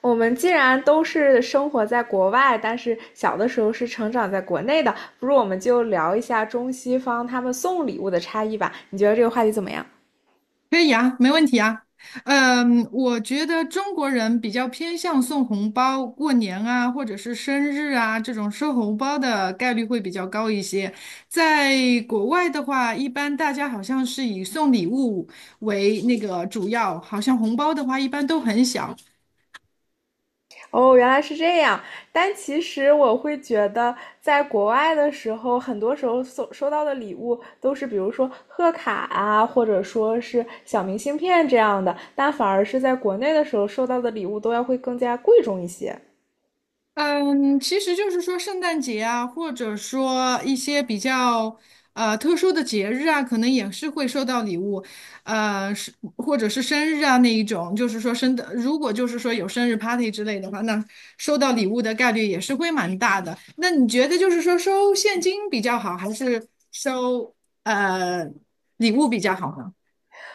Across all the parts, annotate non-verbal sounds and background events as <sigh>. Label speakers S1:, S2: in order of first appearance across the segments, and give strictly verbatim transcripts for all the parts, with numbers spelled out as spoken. S1: 我们既然都是生活在国外，但是小的时候是成长在国内的，不如我们就聊一下中西方他们送礼物的差异吧？你觉得这个话题怎么样？
S2: 可以啊，没问题啊。嗯，我觉得中国人比较偏向送红包，过年啊，或者是生日啊，这种收红包的概率会比较高一些。在国外的话，一般大家好像是以送礼物为那个主要，好像红包的话一般都很小。
S1: 哦，原来是这样。但其实我会觉得，在国外的时候，很多时候收收到的礼物都是，比如说贺卡啊，或者说是小明信片这样的，但反而是在国内的时候收到的礼物都要会更加贵重一些。
S2: 嗯，其实就是说圣诞节啊，或者说一些比较呃特殊的节日啊，可能也是会收到礼物，呃，是或者是生日啊那一种，就是说生的，如果就是说有生日 party 之类的话，那收到礼物的概率也是会蛮大的。那你觉得就是说收现金比较好，还是收呃礼物比较好呢？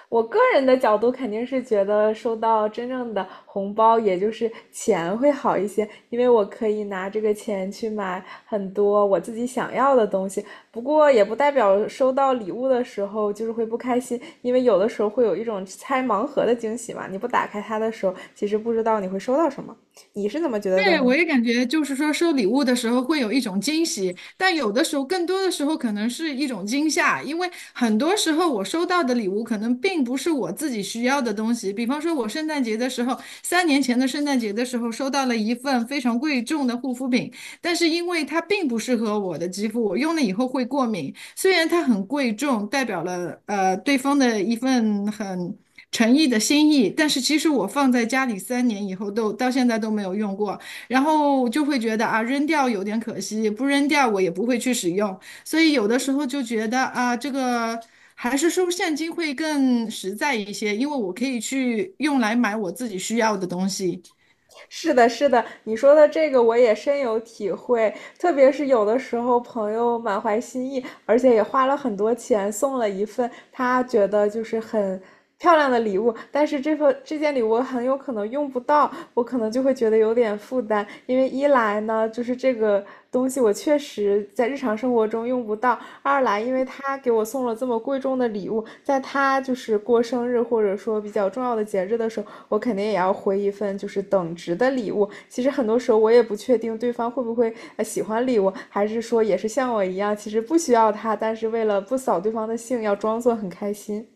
S1: 我个人的角度肯定是觉得收到真正的红包，也就是钱会好一些，因为我可以拿这个钱去买很多我自己想要的东西。不过也不代表收到礼物的时候就是会不开心，因为有的时候会有一种拆盲盒的惊喜嘛，你不打开它的时候，其实不知道你会收到什么。你是怎么觉得的
S2: 对，
S1: 呢？
S2: 我也感觉就是说收礼物的时候会有一种惊喜，但有的时候更多的时候可能是一种惊吓，因为很多时候我收到的礼物可能并不是我自己需要的东西。比方说，我圣诞节的时候，三年前的圣诞节的时候收到了一份非常贵重的护肤品，但是因为它并不适合我的肌肤，我用了以后会过敏。虽然它很贵重，代表了呃对方的一份很诚意的心意，但是其实我放在家里三年以后都到现在都没有用过，然后就会觉得啊，扔掉有点可惜，不扔掉我也不会去使用，所以有的时候就觉得啊，这个还是收现金会更实在一些，因为我可以去用来买我自己需要的东西。
S1: 是的，是的，你说的这个我也深有体会，特别是有的时候朋友满怀心意，而且也花了很多钱送了一份他觉得就是很漂亮的礼物，但是这份这件礼物很有可能用不到，我可能就会觉得有点负担，因为一来呢，就是这个东西我确实在日常生活中用不到，二来，因为他给我送了这么贵重的礼物，在他就是过生日或者说比较重要的节日的时候，我肯定也要回一份就是等值的礼物。其实很多时候我也不确定对方会不会呃喜欢礼物，还是说也是像我一样，其实不需要他，但是为了不扫对方的兴，要装作很开心。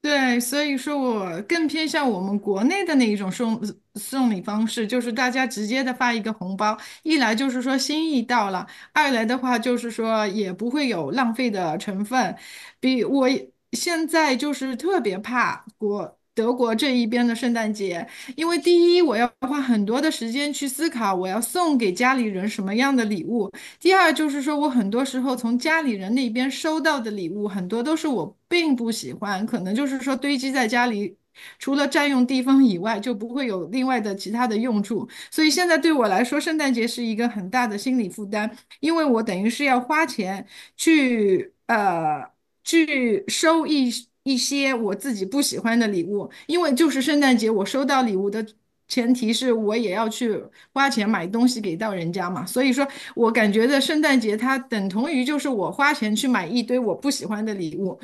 S2: 对，所以说我更偏向我们国内的那一种送送礼方式，就是大家直接的发一个红包，一来就是说心意到了，二来的话就是说也不会有浪费的成分。比我也现在就是特别怕国德国这一边的圣诞节，因为第一我要花很多的时间去思考我要送给家里人什么样的礼物，第二就是说我很多时候从家里人那边收到的礼物，很多都是我并不喜欢，可能就是说堆积在家里。除了占用地方以外，就不会有另外的其他的用处，所以现在对我来说，圣诞节是一个很大的心理负担。因为我等于是要花钱去呃去收一一些我自己不喜欢的礼物，因为就是圣诞节我收到礼物的前提是我也要去花钱买东西给到人家嘛，所以说我感觉的圣诞节它等同于就是我花钱去买一堆我不喜欢的礼物。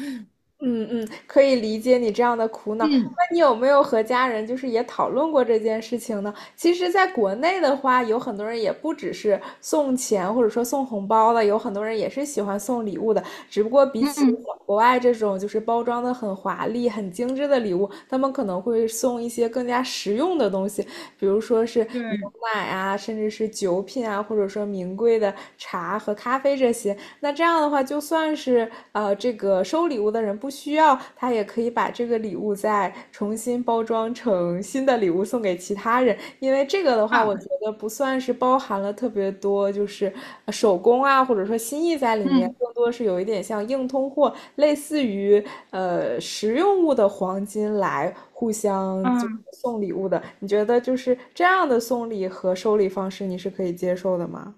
S1: 嗯嗯，可以理解你这样的苦恼。
S2: 嗯
S1: 那你有没有和家人就是也讨论过这件事情呢？其实，在国内的话，有很多人也不只是送钱或者说送红包的，有很多人也是喜欢送礼物的。只不过比起
S2: 嗯，
S1: 国外这种就是包装的很华丽、很精致的礼物，他们可能会送一些更加实用的东西。比如说是牛
S2: 对
S1: 奶啊，甚至是酒品啊，或者说名贵的茶和咖啡这些。那这样的话，就算是呃这个收礼物的人不需要，他也可以把这个礼物再重新包装成新的礼物送给其他人。因为这个的话，我觉
S2: 啊，
S1: 得不算是包含了特别多，就是呃手工啊，或者说心意在里面，
S2: 嗯
S1: 更多是有一点像硬通货，类似于呃实用物的黄金来互相就
S2: 啊。
S1: 送礼物的，你觉得就是这样的送礼和收礼方式，你是可以接受的吗？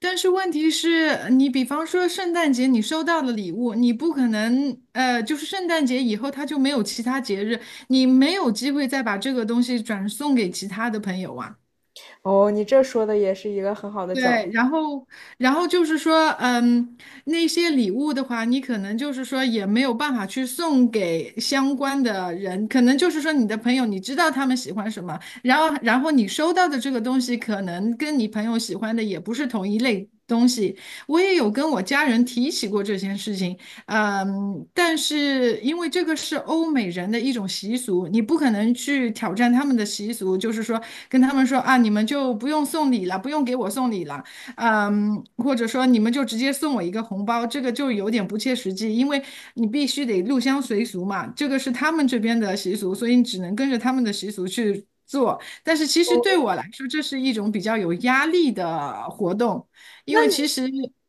S2: 但是问题是，你比方说圣诞节你收到了礼物，你不可能，呃，就是圣诞节以后它就没有其他节日，你没有机会再把这个东西转送给其他的朋友啊。
S1: 哦，你这说的也是一个很好的
S2: 对，
S1: 角度。
S2: 然后，然后就是说，嗯，那些礼物的话，你可能就是说也没有办法去送给相关的人，可能就是说你的朋友，你知道他们喜欢什么，然后，然后你收到的这个东西，可能跟你朋友喜欢的也不是同一类东西。我也有跟我家人提起过这件事情。嗯，但是因为这个是欧美人的一种习俗，你不可能去挑战他们的习俗，就是说跟他们说啊，你们就不用送礼了，不用给我送礼了，嗯，或者说你们就直接送我一个红包，这个就有点不切实际，因为你必须得入乡随俗嘛，这个是他们这边的习俗，所以你只能跟着他们的习俗去做。但是其实对我来说，这是一种比较有压力的活动，因为其实。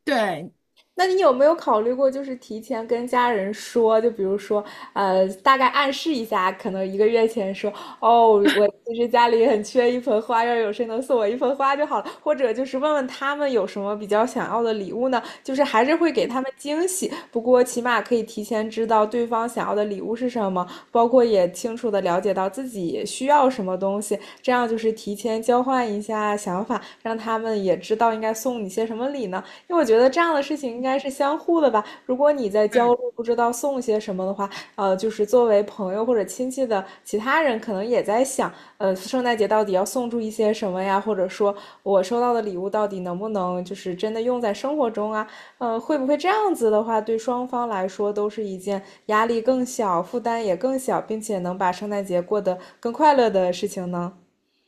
S2: 对，
S1: 那你有没有考虑过，就是提前跟家人说，就比如说，呃，大概暗示一下，可能一个月前说，哦，我其实家里很缺一盆花，要有谁能送我一盆花就好了，或者就是问问他们有什么比较想要的礼物呢？就是还是会给他们惊喜，不过起码可以提前知道对方想要的礼物是什么，包括也清楚的了解到自己需要什么东西，这样就是提前交换一下想法，让他们也知道应该送你些什么礼呢。因为我觉得这样的事情应该是相互的吧。如果你在焦虑不知道送些什么的话，呃，就是作为朋友或者亲戚的其他人，可能也在想，呃，圣诞节到底要送出一些什么呀？或者说我收到的礼物到底能不能就是真的用在生活中啊？呃，会不会这样子的话，对双方来说都是一件压力更小、负担也更小，并且能把圣诞节过得更快乐的事情呢？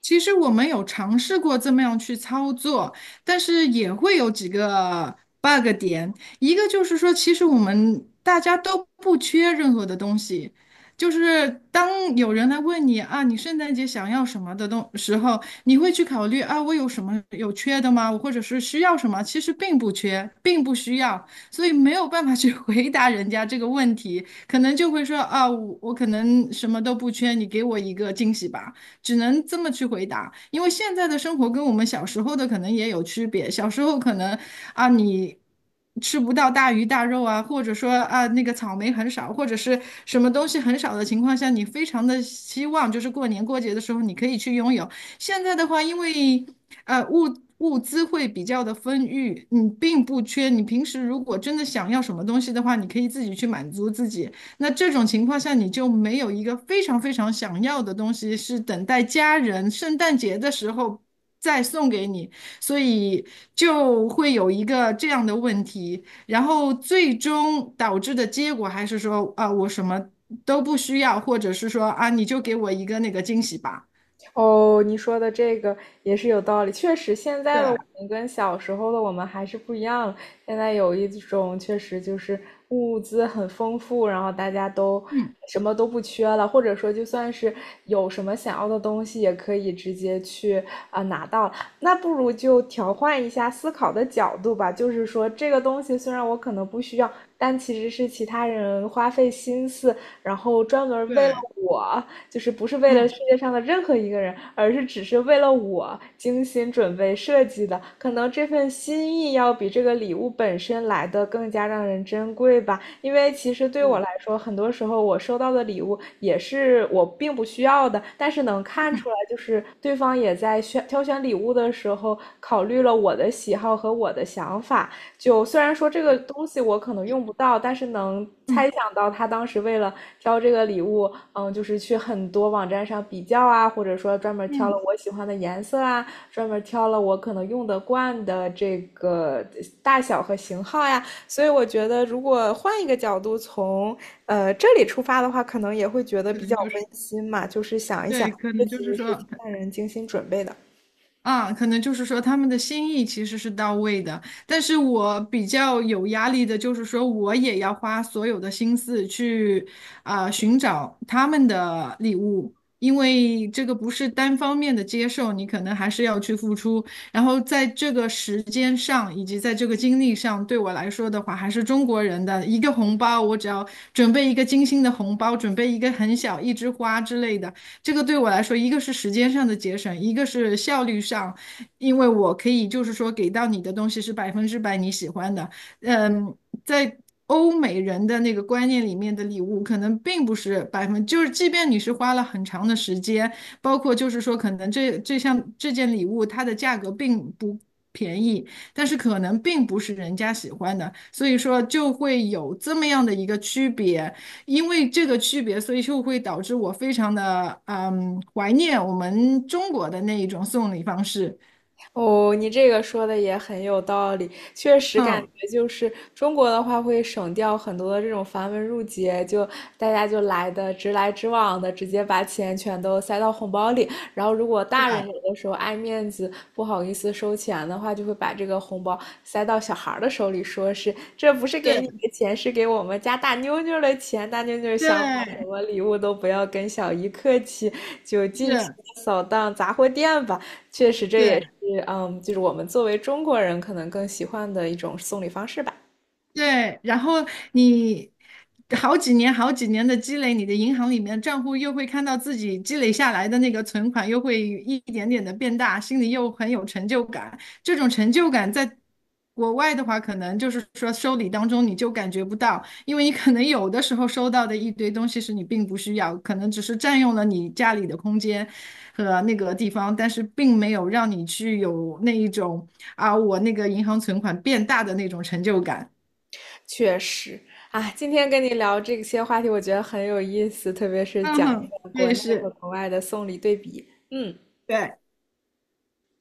S2: 其实我们有尝试过这么样去操作，但是也会有几个 bug 点。一个就是说，其实我们大家都不缺任何的东西，就是当有人来问你啊，你圣诞节想要什么的东时候，你会去考虑啊，我有什么有缺的吗？我或者是需要什么？其实并不缺，并不需要，所以没有办法去 <laughs> 回答人家这个问题，可能就会说啊，我我可能什么都不缺，你给我一个惊喜吧。只能这么去回答，因为现在的生活跟我们小时候的可能也有区别。小时候可能啊，你吃不到大鱼大肉啊，或者说啊那个草莓很少，或者是什么东西很少的情况下，你非常的希望就是过年过节的时候你可以去拥有。现在的话，因为呃物物资会比较的丰裕，你并不缺。你平时如果真的想要什么东西的话，你可以自己去满足自己。那这种情况下，你就没有一个非常非常想要的东西，是等待家人圣诞节的时候再送给你，所以就会有一个这样的问题。然后最终导致的结果还是说，啊，我什么都不需要，或者是说，啊，你就给我一个那个惊喜吧。
S1: 哦，你说的这个也是有道理。确实，现在的我
S2: 对，
S1: 们跟小时候的我们还是不一样了。现在有一种确实就是物资很丰富，然后大家都
S2: 嗯，
S1: 什么都不缺了，或者说就算是有什么想要的东西，也可以直接去啊、呃拿到。那不如就调换一下思考的角度吧，就是说这个东西虽然我可能不需要，但其实是其他人花费心思，然后专门为了
S2: 对，
S1: 我，就是不是为了世
S2: 嗯，
S1: 界上的任何一个人，而是只是为了我精心准备设计的。可能这份心意要比这个礼物本身来的更加让人珍贵吧。因为其实对我来说，很多时候我收到的礼物也是我并不需要的，但是能看出来，就是对方也在选挑选礼物的时候考虑了我的喜好和我的想法。就虽然说这个
S2: 对，
S1: 东西我可能用不到，但是能猜
S2: 嗯
S1: 想到他当时为了挑这个礼物，嗯，就是去很多网站上比较啊，或者说专门挑了
S2: 嗯，
S1: 我喜欢的颜色啊，专门挑了我可能用得惯的这个大小和型号呀。所以我觉得，如果换一个角度从呃这里出发的话，可能也会觉得
S2: 可
S1: 比较
S2: 能就是，
S1: 温馨嘛，就是想一想，
S2: 对，可
S1: 这
S2: 能就
S1: 其
S2: 是
S1: 实是
S2: 说。
S1: 家人精心准备的。
S2: 啊，可能就是说他们的心意其实是到位的，但是我比较有压力的就是说，我也要花所有的心思去啊、寻找他们的礼物，因为这个不是单方面的接受，你可能还是要去付出。然后在这个时间上以及在这个精力上，对我来说的话，还是中国人的一个红包，我只要准备一个精心的红包，准备一个很小一枝花之类的。这个对我来说，一个是时间上的节省，一个是效率上，因为我可以就是说给到你的东西是百分之百你喜欢的。嗯，在欧美人的那个观念里面的礼物，可能并不是百分，就是即便你是花了很长的时间，包括就是说可能这这项这件礼物它的价格并不便宜，但是可能并不是人家喜欢的，所以说就会有这么样的一个区别。因为这个区别，所以就会导致我非常的嗯怀念我们中国的那一种送礼方式。
S1: 哦，你这个说的也很有道理，确实感
S2: 嗯，
S1: 觉就是中国的话会省掉很多的这种繁文缛节，就大家就来的直来直往的，直接把钱全都塞到红包里。然后，如果大人有的时候爱面子，不好意思收钱的话，就会把这个红包塞到小孩儿的手里，说是这不是给你
S2: 是，
S1: 的钱，是给我们家大妞妞的钱。大妞妞想买什
S2: 对，
S1: 么礼物都不要跟小姨客气，就尽情
S2: 是，
S1: 的扫荡杂货店吧。确实，这也
S2: 对。
S1: 是嗯，就是我们作为中国人可能更喜欢的一种送礼方式吧。
S2: 对，然后你好几年、好几年的积累，你的银行里面账户又会看到自己积累下来的那个存款，又会一点点的变大，心里又很有成就感。这种成就感在国外的话，可能就是说收礼当中你就感觉不到，因为你可能有的时候收到的一堆东西是你并不需要，可能只是占用了你家里的空间和那个地方，但是并没有让你去有那一种啊，我那个银行存款变大的那种成就感。
S1: 确实啊，今天跟你聊这些话题，我觉得很有意思，特别是
S2: 嗯
S1: 讲
S2: 哼，
S1: 一下
S2: 我
S1: 国
S2: 也
S1: 内和
S2: 是，
S1: 国外的送礼对比。嗯，
S2: 对，